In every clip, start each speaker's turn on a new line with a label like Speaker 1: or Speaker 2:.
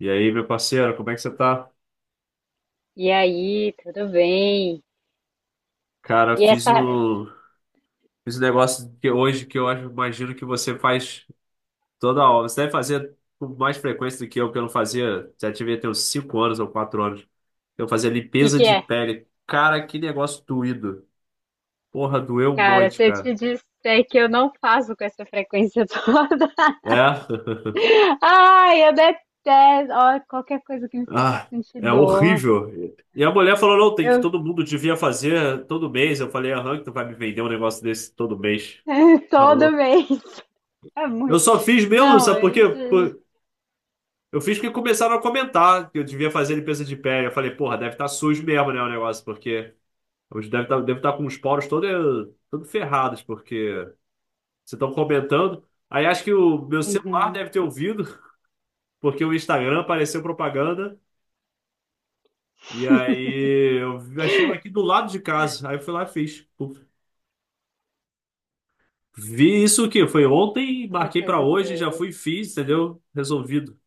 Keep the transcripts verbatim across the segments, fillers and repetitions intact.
Speaker 1: E aí, meu parceiro, como é que você tá?
Speaker 2: E aí, tudo bem?
Speaker 1: Cara,
Speaker 2: E
Speaker 1: fiz
Speaker 2: essa, o
Speaker 1: o fiz um negócio que hoje que eu acho, imagino que você faz toda hora. Você deve fazer com mais frequência do que eu, que eu não fazia. Já tive até uns cinco anos ou quatro anos. Eu fazia
Speaker 2: que
Speaker 1: limpeza
Speaker 2: que
Speaker 1: de
Speaker 2: é?
Speaker 1: pele. Cara, que negócio doído. Porra, doeu um
Speaker 2: Cara,
Speaker 1: monte,
Speaker 2: se eu te
Speaker 1: cara.
Speaker 2: disser que eu não faço com essa frequência toda.
Speaker 1: É?
Speaker 2: Ai, eu detesto. Ó, qualquer coisa que me faça
Speaker 1: Ah,
Speaker 2: sentir
Speaker 1: é
Speaker 2: dor.
Speaker 1: horrível. E a mulher falou, não, tem que
Speaker 2: Eu
Speaker 1: todo mundo devia fazer todo mês. Eu falei, aham, que tu vai me vender um negócio desse todo mês.
Speaker 2: todo
Speaker 1: Falou.
Speaker 2: mês. É
Speaker 1: Eu
Speaker 2: muito.
Speaker 1: só fiz mesmo,
Speaker 2: Não,
Speaker 1: sabe por quê?
Speaker 2: eu.
Speaker 1: Eu fiz porque começaram a comentar que eu devia fazer limpeza de pé. Eu falei, porra, deve estar sujo mesmo, né, o negócio, porque hoje deve estar deve estar com os poros todos todo ferrados, porque vocês estão comentando. Aí acho que o meu celular
Speaker 2: Uhum.
Speaker 1: deve ter ouvido, porque o Instagram apareceu propaganda. E aí eu achei um aqui do lado de casa. Aí eu fui lá e fiz. Vi isso que foi ontem,
Speaker 2: Qualquer
Speaker 1: marquei pra
Speaker 2: coisa que.
Speaker 1: hoje, já fui e fiz, entendeu? Resolvido.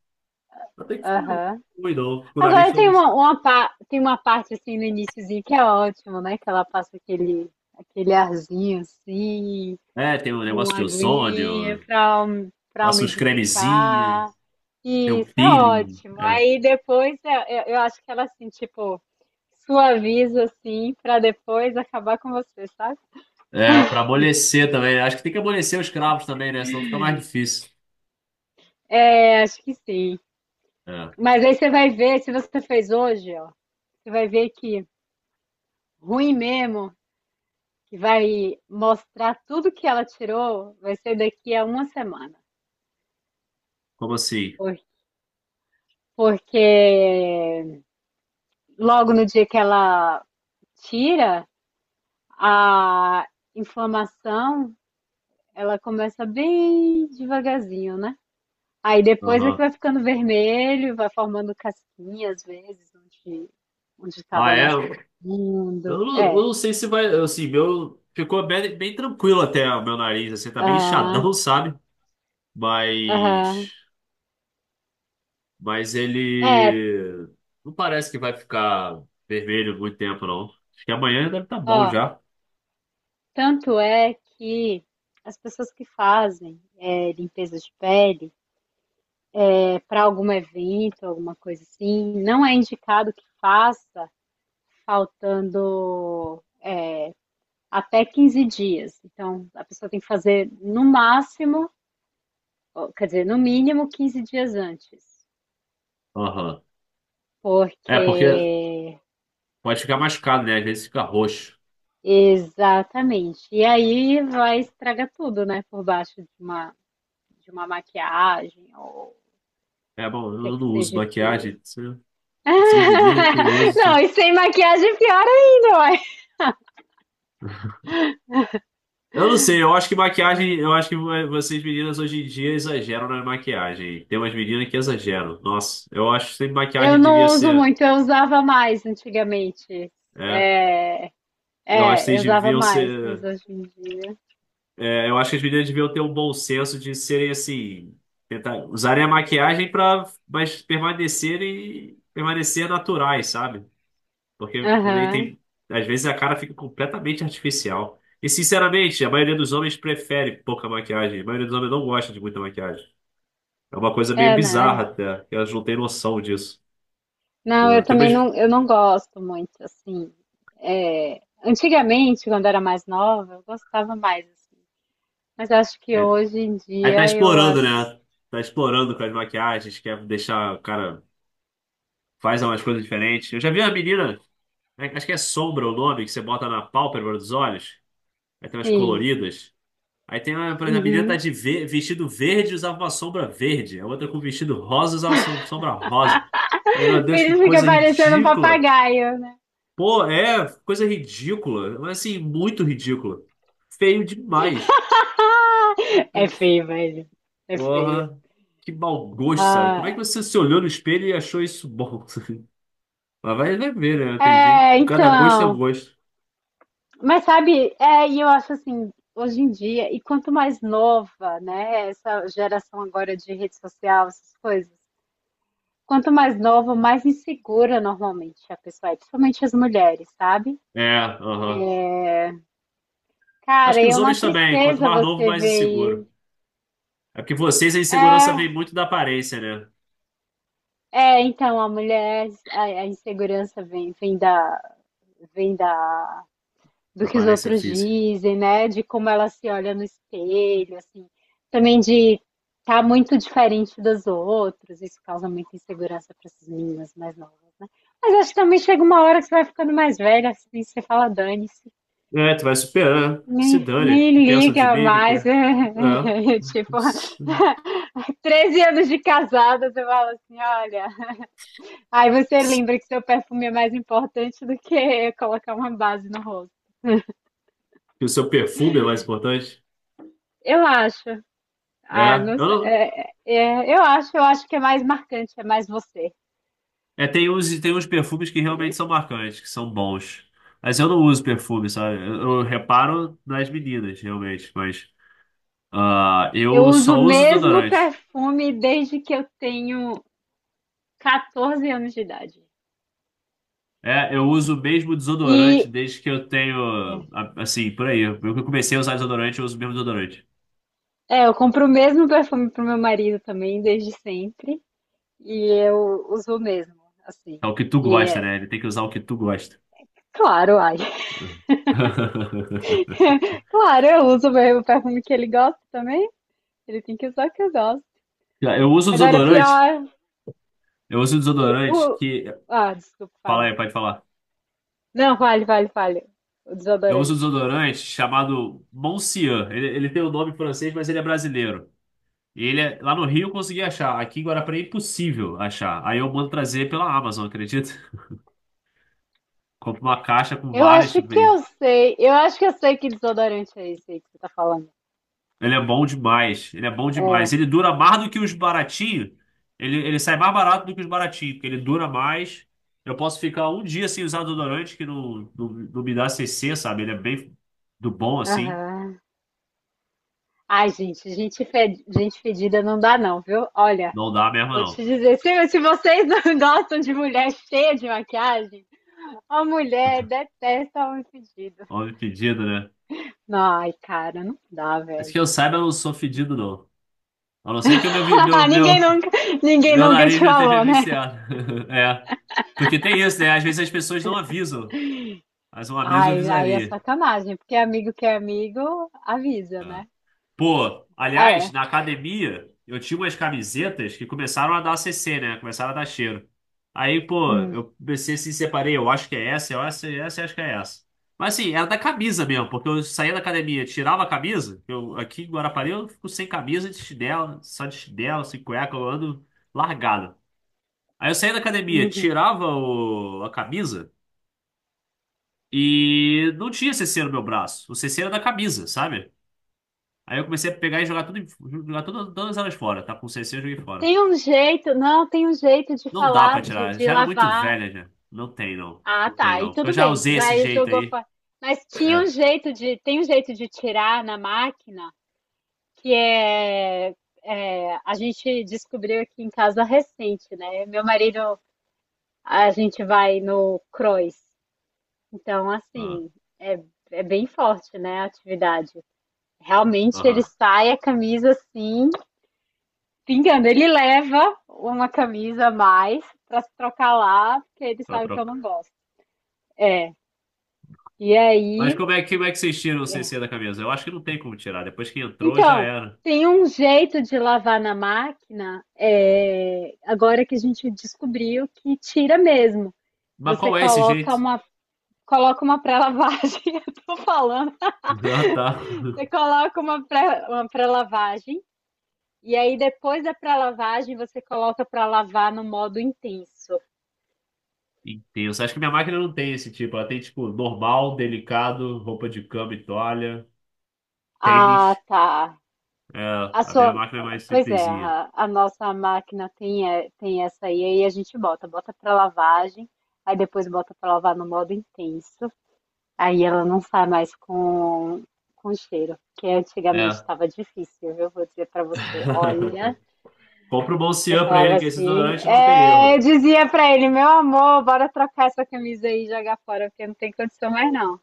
Speaker 1: Até que foi
Speaker 2: Aham.
Speaker 1: ruim, não. Com o nariz
Speaker 2: Agora
Speaker 1: todo
Speaker 2: tem uma,
Speaker 1: inchado.
Speaker 2: uma, pa- tem uma parte assim no iniciozinho que é ótimo, né? Que ela passa aquele, aquele arzinho assim.
Speaker 1: É, tem um negócio
Speaker 2: Uma
Speaker 1: de
Speaker 2: aguinha
Speaker 1: ozônio.
Speaker 2: para para
Speaker 1: Passa uns cremezinhos,
Speaker 2: umidificar.
Speaker 1: tem um
Speaker 2: Isso é
Speaker 1: peeling.
Speaker 2: ótimo. Aí depois eu, eu eu acho que ela assim, tipo, suaviza assim para depois acabar com você, sabe?
Speaker 1: É, é para amolecer também, né? Acho que tem que amolecer os cravos também, né? Senão fica mais difícil.
Speaker 2: É, acho que sim.
Speaker 1: É.
Speaker 2: Mas aí você vai ver, se você fez hoje, ó, você vai ver que ruim mesmo, que vai mostrar tudo que ela tirou, vai ser daqui a uma semana.
Speaker 1: Como assim?
Speaker 2: Por- Porque logo no dia que ela tira, a inflamação, ela começa bem devagarzinho, né? Aí depois é que
Speaker 1: Aham.
Speaker 2: vai ficando vermelho, vai formando casquinha às vezes, onde onde
Speaker 1: Ah,
Speaker 2: estava mais
Speaker 1: é? Eu
Speaker 2: profundo.
Speaker 1: não, eu
Speaker 2: É,
Speaker 1: não sei se vai. Assim, meu. Ficou bem, bem tranquilo até o meu nariz, assim, tá bem inchadão,
Speaker 2: ah,
Speaker 1: sabe?
Speaker 2: aham.
Speaker 1: Mas. Mas
Speaker 2: É,
Speaker 1: ele. Não parece que vai ficar vermelho muito tempo, não. Acho que amanhã deve estar bom
Speaker 2: ó,
Speaker 1: já.
Speaker 2: tanto é que as pessoas que fazem é, limpeza de pele é, para algum evento, alguma coisa assim, não é indicado que faça faltando é, até quinze dias. Então, a pessoa tem que fazer no máximo, ou, quer dizer, no mínimo quinze dias antes.
Speaker 1: Aham. É, porque
Speaker 2: Porque.
Speaker 1: pode ficar machucado, né? Às vezes fica roxo.
Speaker 2: Exatamente. E aí vai estragar tudo, né? Por baixo de uma, de uma maquiagem ou o
Speaker 1: É bom,
Speaker 2: que
Speaker 1: eu
Speaker 2: que
Speaker 1: não uso
Speaker 2: seja
Speaker 1: maquiagem.
Speaker 2: que.
Speaker 1: se- Vocês meninas que usam.
Speaker 2: Não, e sem maquiagem é pior ainda, ué.
Speaker 1: Eu não sei, eu acho que maquiagem, eu acho que vo- vocês meninas hoje em dia exageram na maquiagem. Tem umas meninas que exageram. Nossa, eu acho que
Speaker 2: Eu
Speaker 1: maquiagem devia
Speaker 2: não uso
Speaker 1: ser.
Speaker 2: muito, eu usava mais antigamente.
Speaker 1: É,
Speaker 2: É,
Speaker 1: eu acho que
Speaker 2: é, eu
Speaker 1: vocês
Speaker 2: usava
Speaker 1: deviam
Speaker 2: mais, mas
Speaker 1: ser.
Speaker 2: hoje em dia.
Speaker 1: É, eu acho que as meninas deviam ter um bom senso de serem assim. Tentar, usarem a maquiagem para mas permanecerem, permanecer naturais, sabe? Porque daí
Speaker 2: Aham.
Speaker 1: tem. Às vezes a cara fica completamente artificial. E sinceramente, a maioria dos homens prefere pouca maquiagem. A maioria dos homens não gosta de muita maquiagem. É uma coisa meio
Speaker 2: É,
Speaker 1: bizarra
Speaker 2: né?
Speaker 1: até que elas não têm noção disso.
Speaker 2: Não,
Speaker 1: É,
Speaker 2: eu
Speaker 1: tem
Speaker 2: também
Speaker 1: umas...
Speaker 2: não, eu não gosto muito, assim. É, antigamente, quando era mais nova, eu gostava mais, assim. Mas acho que
Speaker 1: É,
Speaker 2: hoje em
Speaker 1: aí tá
Speaker 2: dia eu
Speaker 1: explorando,
Speaker 2: acho que
Speaker 1: né? Tá explorando com as maquiagens, quer deixar o cara. Faz umas coisas diferentes. Eu já vi uma menina, é, acho que é sombra o nome, que você bota na pálpebra dos olhos. Aí tem umas
Speaker 2: sim.
Speaker 1: coloridas. Aí tem uma, por exemplo, a menina tá
Speaker 2: Uhum.
Speaker 1: de ve- vestido verde e usava uma sombra verde. A outra com vestido rosa usava som- sombra rosa. Falei, meu Deus, que
Speaker 2: Filho fica
Speaker 1: coisa
Speaker 2: parecendo um
Speaker 1: ridícula.
Speaker 2: papagaio, né?
Speaker 1: Pô, é, coisa ridícula. Mas assim, muito ridícula. Feio demais.
Speaker 2: É feio, velho. É feio.
Speaker 1: Porra, que mau gosto, sabe? Como é que
Speaker 2: Ah,
Speaker 1: você se olhou no espelho e achou isso bom? Mas vai vai ver, né? Tem gente.
Speaker 2: é,
Speaker 1: Cada gosto é um
Speaker 2: então.
Speaker 1: gosto.
Speaker 2: Mas sabe, é, e eu acho assim, hoje em dia, e quanto mais nova, né, essa geração agora de rede social, essas coisas. Quanto mais nova, mais insegura normalmente a pessoa é, principalmente as mulheres, sabe?
Speaker 1: É, aham. Acho
Speaker 2: Cara,
Speaker 1: que
Speaker 2: e é
Speaker 1: os
Speaker 2: uma
Speaker 1: homens também. Quanto
Speaker 2: tristeza
Speaker 1: mais novo,
Speaker 2: você
Speaker 1: mais
Speaker 2: ver isso.
Speaker 1: inseguro. É porque vocês, a insegurança vem
Speaker 2: É,
Speaker 1: muito da aparência, né?
Speaker 2: é, então a mulher, a, a insegurança vem, vem da, vem da, do
Speaker 1: Da
Speaker 2: que os
Speaker 1: aparência
Speaker 2: outros
Speaker 1: física.
Speaker 2: dizem, né? De como ela se olha no espelho, assim. Também de estar tá muito diferente dos outros. Isso causa muita insegurança para essas meninas mais novas, né? Mas acho que também chega uma hora que você vai ficando mais velha, assim, você fala, dane-se.
Speaker 1: É, tu vai superar. Se
Speaker 2: Nem,
Speaker 1: dane.
Speaker 2: nem
Speaker 1: Que pensa de
Speaker 2: liga
Speaker 1: mim? O que
Speaker 2: mais.
Speaker 1: quer? É.
Speaker 2: Tipo, treze anos de casada, você fala assim, olha. Aí você lembra que seu perfume é mais importante do que colocar uma base no rosto.
Speaker 1: Que o seu perfume é mais importante.
Speaker 2: Eu acho. Ah,
Speaker 1: É.
Speaker 2: não
Speaker 1: Eu
Speaker 2: sei.
Speaker 1: não...
Speaker 2: É, é, eu acho, eu acho que é mais marcante, é mais você.
Speaker 1: É, tem uns, tem uns perfumes que realmente são marcantes, que são bons. Mas eu não uso perfume, sabe? Eu, eu reparo nas meninas, realmente. Mas ah,
Speaker 2: Eu
Speaker 1: eu
Speaker 2: uso o
Speaker 1: só uso
Speaker 2: mesmo
Speaker 1: desodorante.
Speaker 2: perfume desde que eu tenho quatorze anos de idade.
Speaker 1: É, eu uso o mesmo desodorante
Speaker 2: E
Speaker 1: desde que eu tenho. a- Assim, por aí. Eu que comecei a usar desodorante, eu uso o mesmo desodorante.
Speaker 2: é, eu compro o mesmo perfume pro meu marido também, desde sempre. E eu uso mesmo, assim.
Speaker 1: É o que tu
Speaker 2: E
Speaker 1: gosta,
Speaker 2: é
Speaker 1: né? Ele tem que usar o que tu gosta.
Speaker 2: claro, ai. Claro, eu uso mesmo o mesmo perfume que ele gosta também. Ele tem que usar o que eu gosto.
Speaker 1: Já. Eu uso
Speaker 2: Agora,
Speaker 1: desodorante.
Speaker 2: pior
Speaker 1: Eu uso
Speaker 2: que
Speaker 1: desodorante
Speaker 2: o.
Speaker 1: que.
Speaker 2: Ah, desculpa,
Speaker 1: Fala
Speaker 2: fale.
Speaker 1: aí, pode falar.
Speaker 2: Não, vale, vale, vale. O
Speaker 1: Eu uso
Speaker 2: desodorante.
Speaker 1: desodorante chamado Moncian. Ele, ele tem o nome francês, mas ele é brasileiro. E ele é- lá no Rio eu consegui achar. Aqui em Guarapari é impossível achar. Aí eu mando trazer pela Amazon, acredita? Compro uma caixa com
Speaker 2: Eu
Speaker 1: vários,
Speaker 2: acho
Speaker 1: tipo,
Speaker 2: que eu sei. Eu acho que eu sei que desodorante é esse aí que você tá falando.
Speaker 1: ele é bom demais. Ele é bom demais. Ele dura mais do que os baratinhos. Ele, ele sai mais barato do que os baratinhos, porque ele dura mais. Eu posso ficar um dia sem usar desodorante que não, não, não me dá C C, sabe? Ele é bem do bom assim.
Speaker 2: Aham. Ai, gente, gente, fe- gente fedida não dá, não, viu? Olha,
Speaker 1: Não dá mesmo,
Speaker 2: vou
Speaker 1: não.
Speaker 2: te dizer, se, se vocês não gostam de mulher cheia de maquiagem, a mulher detesta homem fedido.
Speaker 1: Homem fedido, né?
Speaker 2: Ai, cara, não dá,
Speaker 1: Acho que
Speaker 2: velho.
Speaker 1: eu saiba, eu não sou fedido, não. A não ser que o meu, vi- meu, meu,
Speaker 2: Ninguém nunca, ninguém
Speaker 1: meu
Speaker 2: nunca te
Speaker 1: nariz não esteja
Speaker 2: falou, né?
Speaker 1: viciado. É. Porque tem isso, né? Às vezes as pessoas não avisam. Mas um aviso
Speaker 2: Ai, aí é
Speaker 1: avisaria.
Speaker 2: sacanagem, porque amigo que é amigo avisa, né?
Speaker 1: Pô, aliás,
Speaker 2: É.
Speaker 1: na academia, eu tinha umas camisetas que começaram a dar C C, né? Começaram a dar cheiro. Aí, pô,
Speaker 2: Hum,
Speaker 1: eu comecei assim, separei, eu acho que é essa, eu acho que é essa, eu acho que é essa. Mas assim, era da camisa mesmo, porque eu saía da academia, tirava a camisa, eu aqui em Guarapari eu fico sem camisa, de chinelo, só de chinelo, sem cueca, eu ando largado. Aí eu saía da academia,
Speaker 2: uhum.
Speaker 1: tirava o- a camisa e não tinha C C no meu braço. O C C era da camisa, sabe? Aí eu comecei a pegar e jogar tudo, em- jogar todas, todas elas fora. Tá com C C, eu joguei fora.
Speaker 2: Tem um jeito, não, tem um jeito de
Speaker 1: Não dá pra
Speaker 2: falar, de,
Speaker 1: tirar.
Speaker 2: de
Speaker 1: Já era muito
Speaker 2: lavar.
Speaker 1: velha já. Não tem, não.
Speaker 2: Ah,
Speaker 1: Não tem,
Speaker 2: tá. E
Speaker 1: não. Porque eu
Speaker 2: tudo
Speaker 1: já
Speaker 2: bem, você
Speaker 1: usei esse
Speaker 2: já
Speaker 1: jeito
Speaker 2: jogou
Speaker 1: aí.
Speaker 2: fora. Mas tinha um
Speaker 1: É.
Speaker 2: jeito de, tem um jeito de tirar na máquina? Que é, é, a gente descobriu aqui em casa recente, né? Meu marido, a gente vai no cross, então
Speaker 1: Ah,
Speaker 2: assim, é, é bem forte, né, a atividade. Realmente ele
Speaker 1: aham.
Speaker 2: sai a camisa assim, pingando. Ele leva uma camisa a mais para se trocar lá, porque ele
Speaker 1: Pra
Speaker 2: sabe que eu
Speaker 1: troca.
Speaker 2: não gosto. É. E
Speaker 1: Mas
Speaker 2: aí
Speaker 1: como é, que- como é que vocês tiram o C C da camisa? Eu acho que não tem como tirar. Depois que entrou, já
Speaker 2: então,
Speaker 1: era.
Speaker 2: tem um jeito de lavar na máquina, eh, agora que a gente descobriu que tira mesmo.
Speaker 1: Mas
Speaker 2: Você
Speaker 1: qual é esse
Speaker 2: coloca
Speaker 1: jeito?
Speaker 2: uma, coloca uma pré-lavagem, eu tô falando,
Speaker 1: Ah,
Speaker 2: você
Speaker 1: tá.
Speaker 2: coloca uma pré, uma pré-lavagem, e aí depois da pré-lavagem você coloca para lavar no modo intenso.
Speaker 1: Intenso. Acho que minha máquina não tem esse tipo. Ela tem, tipo, normal, delicado, roupa de cama e toalha,
Speaker 2: Ah,
Speaker 1: tênis.
Speaker 2: tá.
Speaker 1: É,
Speaker 2: A
Speaker 1: a minha
Speaker 2: sua,
Speaker 1: máquina é mais
Speaker 2: pois é,
Speaker 1: simplesinha.
Speaker 2: a, a nossa máquina tem, é, tem essa aí, aí a gente bota, bota para lavagem, aí depois bota para lavar no modo intenso. Aí ela não sai mais com, com cheiro, que antigamente
Speaker 1: É.
Speaker 2: estava difícil, viu? Vou dizer pra você, olha,
Speaker 1: Compra o
Speaker 2: eu
Speaker 1: Bolcian pra
Speaker 2: falava
Speaker 1: ele, que esse
Speaker 2: assim,
Speaker 1: desodorante não tem
Speaker 2: é, eu
Speaker 1: erro.
Speaker 2: dizia pra ele, meu amor, bora trocar essa camisa aí e jogar fora, porque não tem condição mais não.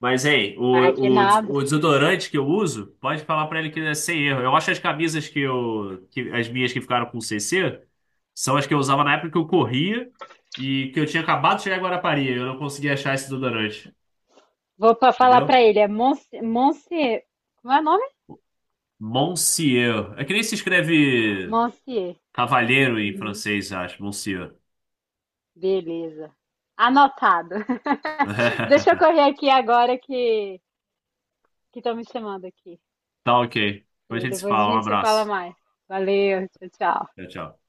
Speaker 1: Mas, hein,
Speaker 2: Ah, que
Speaker 1: o, o,
Speaker 2: nada.
Speaker 1: o desodorante que eu uso, pode falar pra ele que é sem erro. Eu acho as camisas que eu. Que, as minhas que ficaram com C C são as que eu usava na época que eu corria e que eu tinha acabado de chegar em Guarapari. Eu não conseguia achar esse desodorante.
Speaker 2: Vou pra falar pra
Speaker 1: Entendeu?
Speaker 2: ele, é Monse- Monsieur, como é o nome?
Speaker 1: Monsieur. É que nem se escreve
Speaker 2: Monsieur.
Speaker 1: cavalheiro em
Speaker 2: Uhum.
Speaker 1: francês, acho. Monsieur.
Speaker 2: Beleza. Anotado. Deixa eu correr aqui agora que que estão me chamando aqui.
Speaker 1: Tá ok.
Speaker 2: E
Speaker 1: Depois a gente se
Speaker 2: depois a
Speaker 1: fala. Um
Speaker 2: gente se fala
Speaker 1: abraço.
Speaker 2: mais. Valeu, tchau, tchau.
Speaker 1: Tchau, tchau.